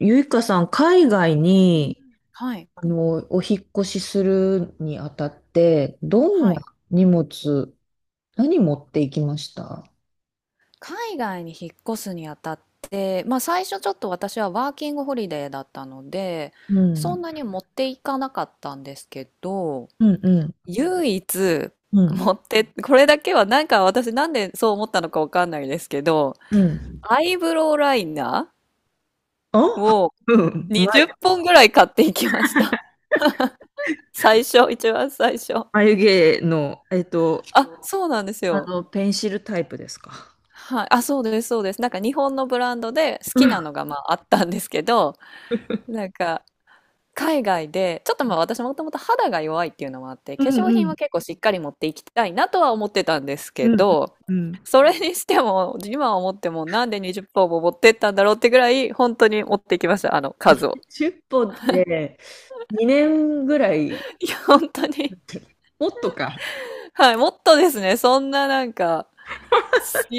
ゆいかさん、海外うんうん、に、はい、お引っ越しするにあたって、どんはない、荷物、何持っていきました？海外に引っ越すにあたって、まあ、最初ちょっと私はワーキングホリデーだったので、うそんん、なに持っていかなかったんですけど、うん、うん、唯一うん、持って、これだけはなんか、私なんでそう思ったのかわかんないですけど、うん。アイブロウライナーあをうん、ま、20本ぐらい買っていきました。 最初、一番最初、眉毛の、あ、そうなんですよ。ペンシルタイプですか。はい、あ、そうです、そうです。なんか日本のブランドで好うきん、なのがまああったんですけど、なんか海外で、ちょっとまあ私もともと肌が弱いっていうのもあって、う化粧品ん、は結構しっかり持っていきたいなとは思ってたんですうけん、ど、うん。うんそれにしても、今思ってもなんで20本も持ってったんだろうってぐらい、本当に持ってきました、あの数を。10本っぽんって2年ぐらい、いや、本当に。もっとか。はい、もっとですね、そんな、なんか、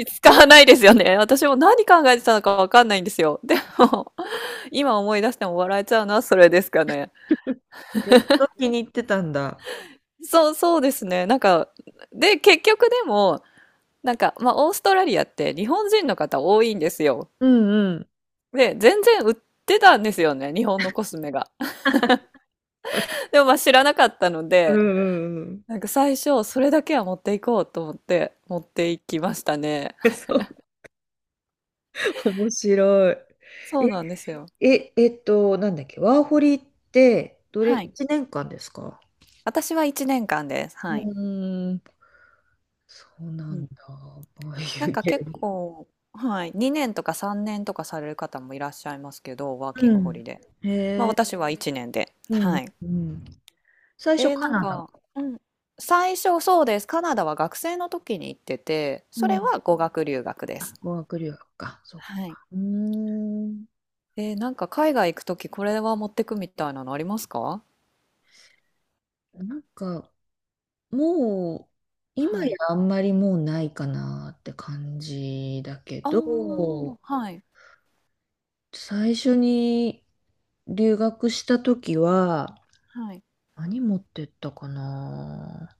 使わないですよね。私も何考えてたのかわかんないんですよ。でも、今思い出しても笑えちゃうのはそれですかね。よっぽど気に入ってたんだ。そう、そうですね。なんか、で、結局でも、なんか、まあ、オーストラリアって日本人の方多いんですよ。うんうん。で、全然売ってたんですよね、日本のコスメが。でもまあ知らなかったのうんで、うんうん。なんか最初、それだけは持っていこうと思って持っていきましたね。そう、面白い。そうなんですよ。え、え、なんだっけ、ワーホリって、どれ、はい。1年間ですか？私は1年間です。うはい。ーん、そうなうんん。だ。ああないんうかゲ結ーム。構、はい、2年とか3年とかされる方もいらっしゃいますけど、ワーキンうグホん。リデー。まあへえ、私は1年で。うん、はい。うん。最初えーカなんナダ。か、うん。最初そうです。カナダは学生の時に行ってて、そうれん。は語学留学です。あ、語学留学か。そっはい。か。うーん。なんか海外行く時これは持ってくみたいなのありますか？なんか、もう、今やはい。あんまりもうないかなって感じだけあど、あ、はい。最初に、留学した時は、はい。何持ってったかな。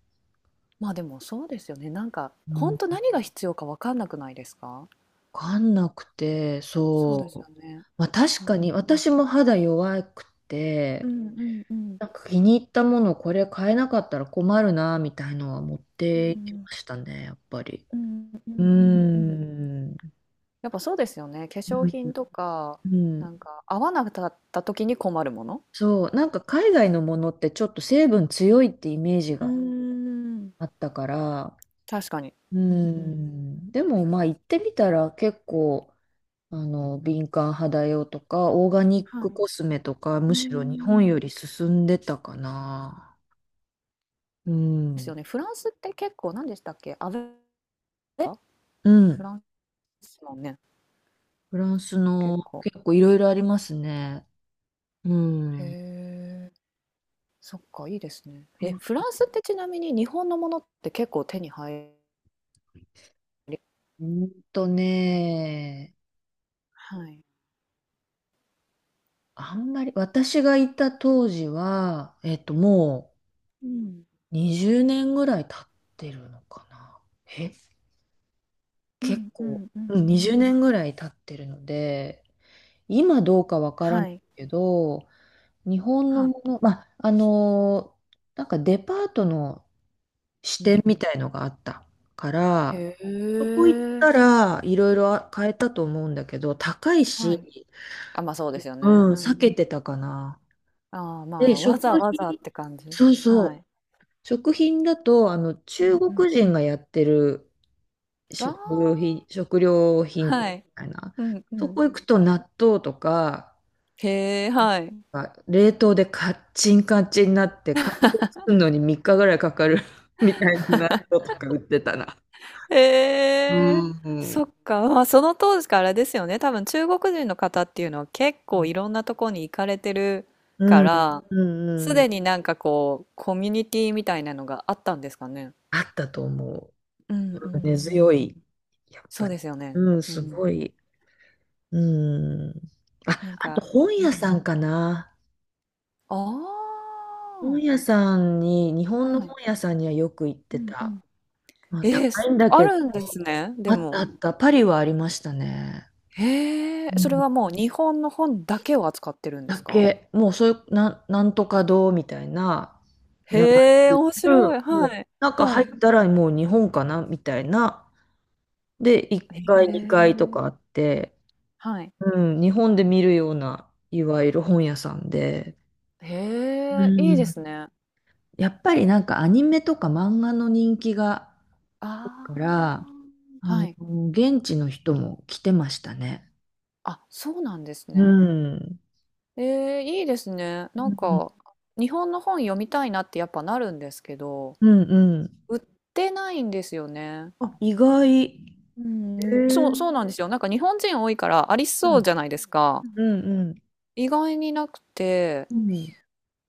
まあでもそうですよね。なんか、う本ん、当何が必要かわかんなくないですか？わかんなくて、そうですそよう。ね。まあ確うかんに私も肌弱くて、うんうんうんなんか気に入ったものこれ買えなかったら困るな、みたいのは持っうていきんましたね、やっぱり。うんううーんうんうんうんうん。ん。やっぱそうですよね。化粧うん品とか、うん。なんか合わなかった時に困るもの。そう、なんか海外のものってちょっと成分強いってイメージうーがん。あったから、確かに。ううんうん。ん、でもまあ行ってみたら結構敏感肌用とか、オーガニッはクい。コスメとか、うむーしろ日本よん。り進んでたかな。うですん。よね。フランスって結構何でしたっけ？アベ、え？うフん。ランスですもんね、フランスの結構。結構いろいろありますね。うへん。え、そっか、いいですね。うえ、んフランスってちなみに日本のものって結構手に入り、とね、はい、あんまり、私がいた当時は、もうん、う20年ぐらい経ってるのかな。え、う結んう構、んううんん、う20ん、年ぐらい経ってるので、今どうかわからなはいい、けど、日本はのい、もの、まあ、なんかデパートの支うん店うみん、たいのがあったから、へそこ行っえ、たらいろいろ買えたと思うんだけど、高いはい、し、あ、ま、そうですようね。ん、う避ん。けてたかな。ああ、まで、あ、わ食ざわざ品、って感じ。そうはそう、い。食品だと、う中んうん。国人がやってるああ、食料品店はい。みたいな、うんうそん。こ行くと納豆とか、へえ、はい。あ冷凍でカッチンカチンになって、解凍するのに3日ぐらいかかる みたいな納豆とか売ってたな。へうえ、ん。うそっん、か。まあ、その当時からですよね、多分中国人の方っていうのは結構いろんなとこに行かれてるうかんら、うんすうん。でになんかこう、コミュニティみたいなのがあったんですかね。あったと思うんうう。根んう強ん。い、やっそぱうでり。すよね。うん、うすごん。い。うん。あ、なんあとか、本う屋ん。さんかな。あ本あ、屋さんに、日本のはい。本屋さんにはよく行っうてんうた。ん。まあ、ええ、高いすんだあけど、るんですね、であったあも。った。パリはありましたね。へえ、うそれんはもう日本の本だけを扱ってるんですだか？け、もうそういう、なんとか堂みたいな名前へえ、面の、白い。もはう、い。なんかは入い。ったらもう日本かなみたいな。で、1へ階、え、2階とかあって、はい。うん、日本で見るような、いわゆる本屋さんで、うへえ、いいでん、すね。やっぱりなんかアニメとか漫画の人気が、かあら、あ、はい。現地の人も来てましたね。あ、そうなんですうね。ん。ええ、いいですね。うなんん、か、日本の本読みたいなってやっぱなるんですけど、うん、うん。売ってないんですよね。あ、意外。へうん、えそうそうなんですよ。なんか日本人多いからありうん、そうじゃないですか。うん、うん。意外になくて、うん。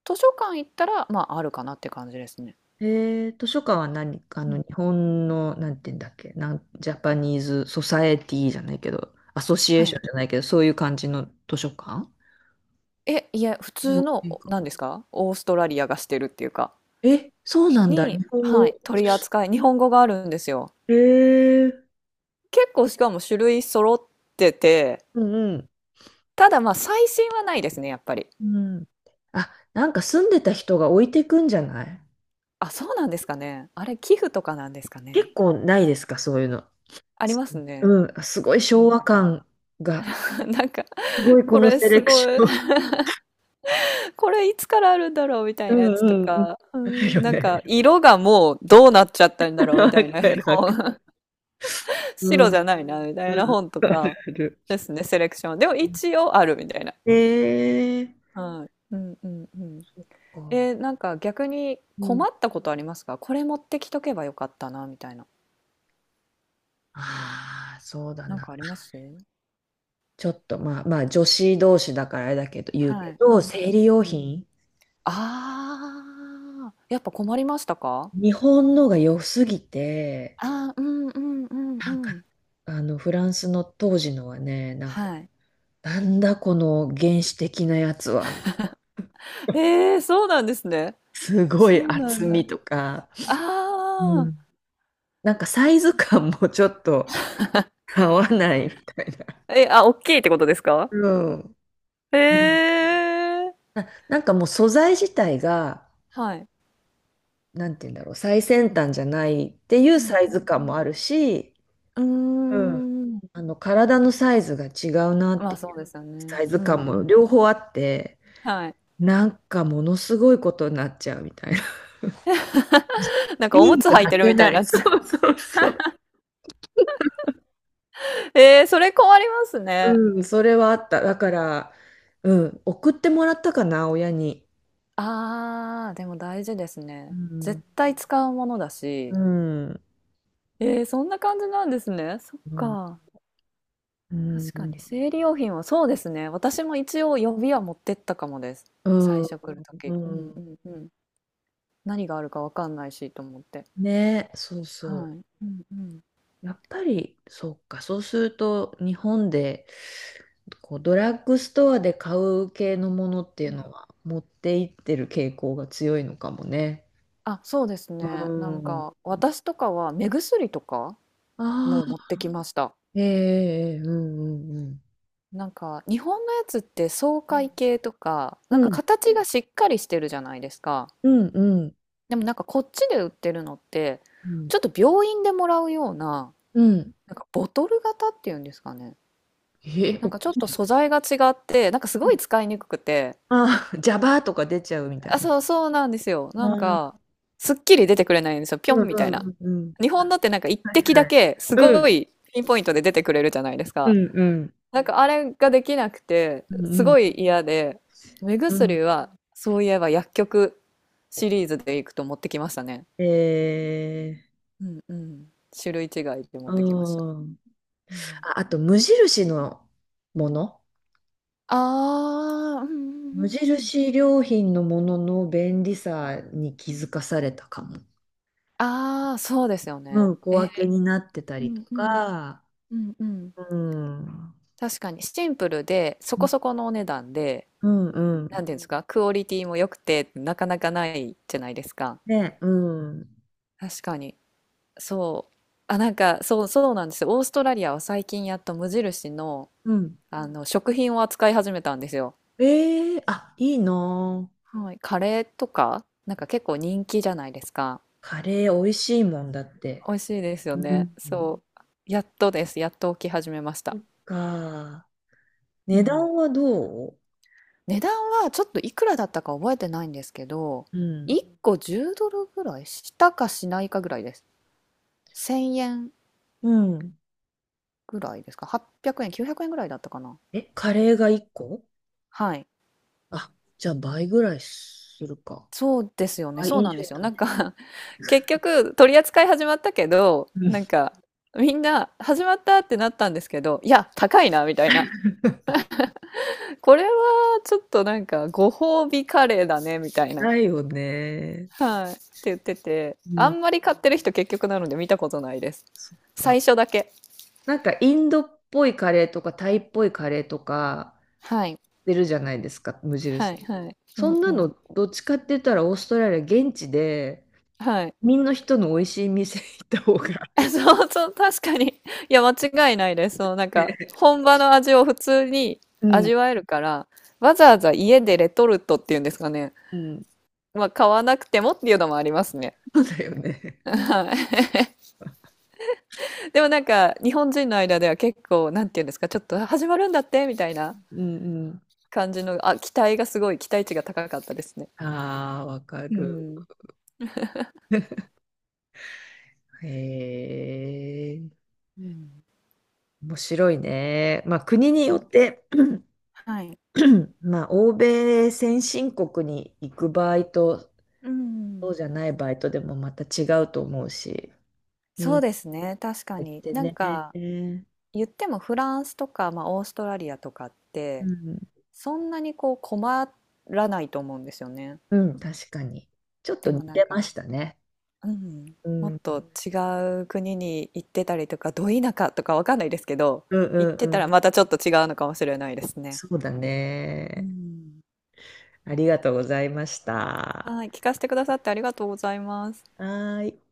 図書館行ったら、まあ、あるかなって感じですね。図書館は何うん。日本の、なんて言うんだっけ、ジャパニーズ・ソサエティじゃないけど、アソシエーはショい。ンじゃないけど、そういう感じの図書館。え、いや、普日通本の、人お、か。何ですか、オーストラリアがしてるっていうか、え、そうなんだ、に、日本はい、語。取り扱い、日本語があるんですよ。えー、結構しかも種類揃ってて、うんうん。ただまあ、最新はないですね、やっぱり。うん。あ、なんか住んでた人が置いてくんじゃない？あ、そうなんですかね。あれ、寄付とかなんですかね。結構ないですか、そういうの。ありすますね。うん、すごいな昭ん和か、感が、なんか、すごいここのれセすレクごシい。ョン。これいつからあるんだろうみたういなやつとんうんうん。か、うあるん、よなんかね。色がもうどうなっちゃったんだわろうみたかいなるわかる。本、う白じんゃないなみたういなん本とあるかある。ですね、セレクション。でも一応あるみたいな。ええはい。うんうんうん。そっか。なんか逆にう困ん。ったことありますか？これ持ってきとけばよかったなみたいな。ああ、そうだなんな。かあります？ちょっとまあまあ女子同士だからあれだけど言うはけい。うど、ん。生理用うん。品、ああ、やっぱ困りましたか？日本のが良すぎて、ああー、うんうんうんなんうかん。あのフランスの当時のはね、なんかはい。なんだこの原始的なやつは、ええ、そうなんですね。すごそいうな厚んだ。みとか、うあんなんかサイズ感もちょっと合わないみたいな。あ。え、あ、おっきいってことですか？うん。へえ。なんかもう素材自体が、はい。なんて言うんだろう、最先端じゃないっていううんサイズう感んもあるし、ううん。ん。うーん。あの体のサイズが違うなっまてあいそううですよね。サイズうん感うもん。両方あって、はい。なんかものすごいことになっちゃうみたいな。なんかジおーむンズつ履い履てるけみたいなにい。なっそちゃう。うそうそう。えー、それ困りますね。うん、それはあった。だから、うん、送ってもらったかな、親に。ああ、でも大事ですうね。絶ん、対使うものだうし。ん、えー、そんな感じなんですね。そっうん、か。う確かん、に生理用品はそうですね。私も一応予備は持ってったかもです。う最ん。初来るとうき。うんうんんうん。何があるかわかんないしと思って。ね、そうはそう。い。うんうん。やっぱり、そうか、そうすると、日本で、こう、ドラッグストアで買う系のものっていううん。のは、持っていってる傾向が強いのかもね。あ、そうですうね。なんん。あか、私とかは目薬とかあ、もう持ってきました。ええええうんうんなんか、日本のやつって爽快系とか、うなんん。かうん、形がしっかりしてるじゃないですか。うん、うん、でもなんかこっちで売ってるのって、うん。ちょっと病院でもらうような、うんなんかボトル型っていうんですかね。え、なんか大ちょっきとい。素材が違って、なんかすごい使いにくくて、ああ、ジャバーとか出ちゃうみたいあ、な。そう、そうなんですよ。なんか、すっきり出てくれないんですよ。ぴうょんんみうたいな。んうんうん。日本のってなんか一滴だけ、すうごんいピンポイントで出てくれるじゃないですうか。んうんなんかあれができなくて、うすんごい嫌で、目う薬ん。は、そういえば薬局シリーズでいくと持ってきましたね。ええうんうん。種類違いで持あってきました。あ。うん、ああと、無印のもの。ああ、うんうんう無んうん。印良品のものの便利さに気づかされたかも。ああ、そうですようね。ん、小え、分けになってたうりとんうん。か、うんうん。うん、う確かにシンプルでそこそこのお値段で、んうなんん。ていうんですか、クオリティも良くてなかなかないじゃないですか。ね、うん。確かに。そう。あ、なんかそうそうなんですよ。オーストラリアは最近やっと無印の、うん。あの食品を扱い始めたんですよ。ええあ、いいなあ。はい、カレーとかなんか結構人気じゃないですか。カレー美味しいもんだって。美味しいですようね。ん。そう。やっとです。やっと起き始めましそた。っか。う値ん、段はどう？値段はちょっといくらだったか覚えてないんですけど、うん。1個10ドルぐらいしたかしないかぐらいです。1000円うん。ぐらいですか？ 800 円、900円ぐらいだったかな。え、カレーが1個。はい。あ、じゃあ倍ぐらいするか。そうですよね。倍そう以なん上ですよ。だ。なんか 結局取り扱い始まったけど、うなんんかみんな始まったってなったんですけど、いや、高いな、みたいな。これはちょっとなんかご褒美カレーだね、みたいな。ないよね。はい。って言ってて、うあん。んまり買ってる人結局なので見たことないです。そっか。最初だけ。なんかインドっぽいカレーとかタイっぽいカレーとかはい。出るじゃないですか、無はい、印。はい。うそんんうなのん。どっちかって言ったらオーストラリア現地ではい。みんな人の美味しい店行った方が。 そうそう、確かに。いや、間違いないです。そのなんか、本場の味を普通にうん。味わえるから、わざわざ家でレトルトっていうんですかね。うん。まあ、買わなくてもっていうのもありますね。そうだよね。はい。でもなんか、日本人の間では結構、なんていうんですか、ちょっとあ始まるんだってみたいなうんうん。感じの、あ、期待がすごい、期待値が高かったですね。ああ、わかうる。ん。へえ。うん。面白いね。まあ国によって はい。まあ欧米先進国に行く場合とうそん。うじゃないバイトでもまた違うと思うし。うそん。うですね、確かできに。てなんね。か、うん。言ってもフランスとか、まあ、オーストラリアとかってそんなにこう困らないと思うんですよね。うん、確かに。ちょっとで似もなんてか、ましたね。うん、うん。もうっんと違う国に行ってたりとかど田舎とかわかんないですけど、うん行ってうたらん。またちょっと違うのかもしれないですね。そうだうね。ん、ありがとうございました。ははい、聞かせてくださってありがとうございます。ーい。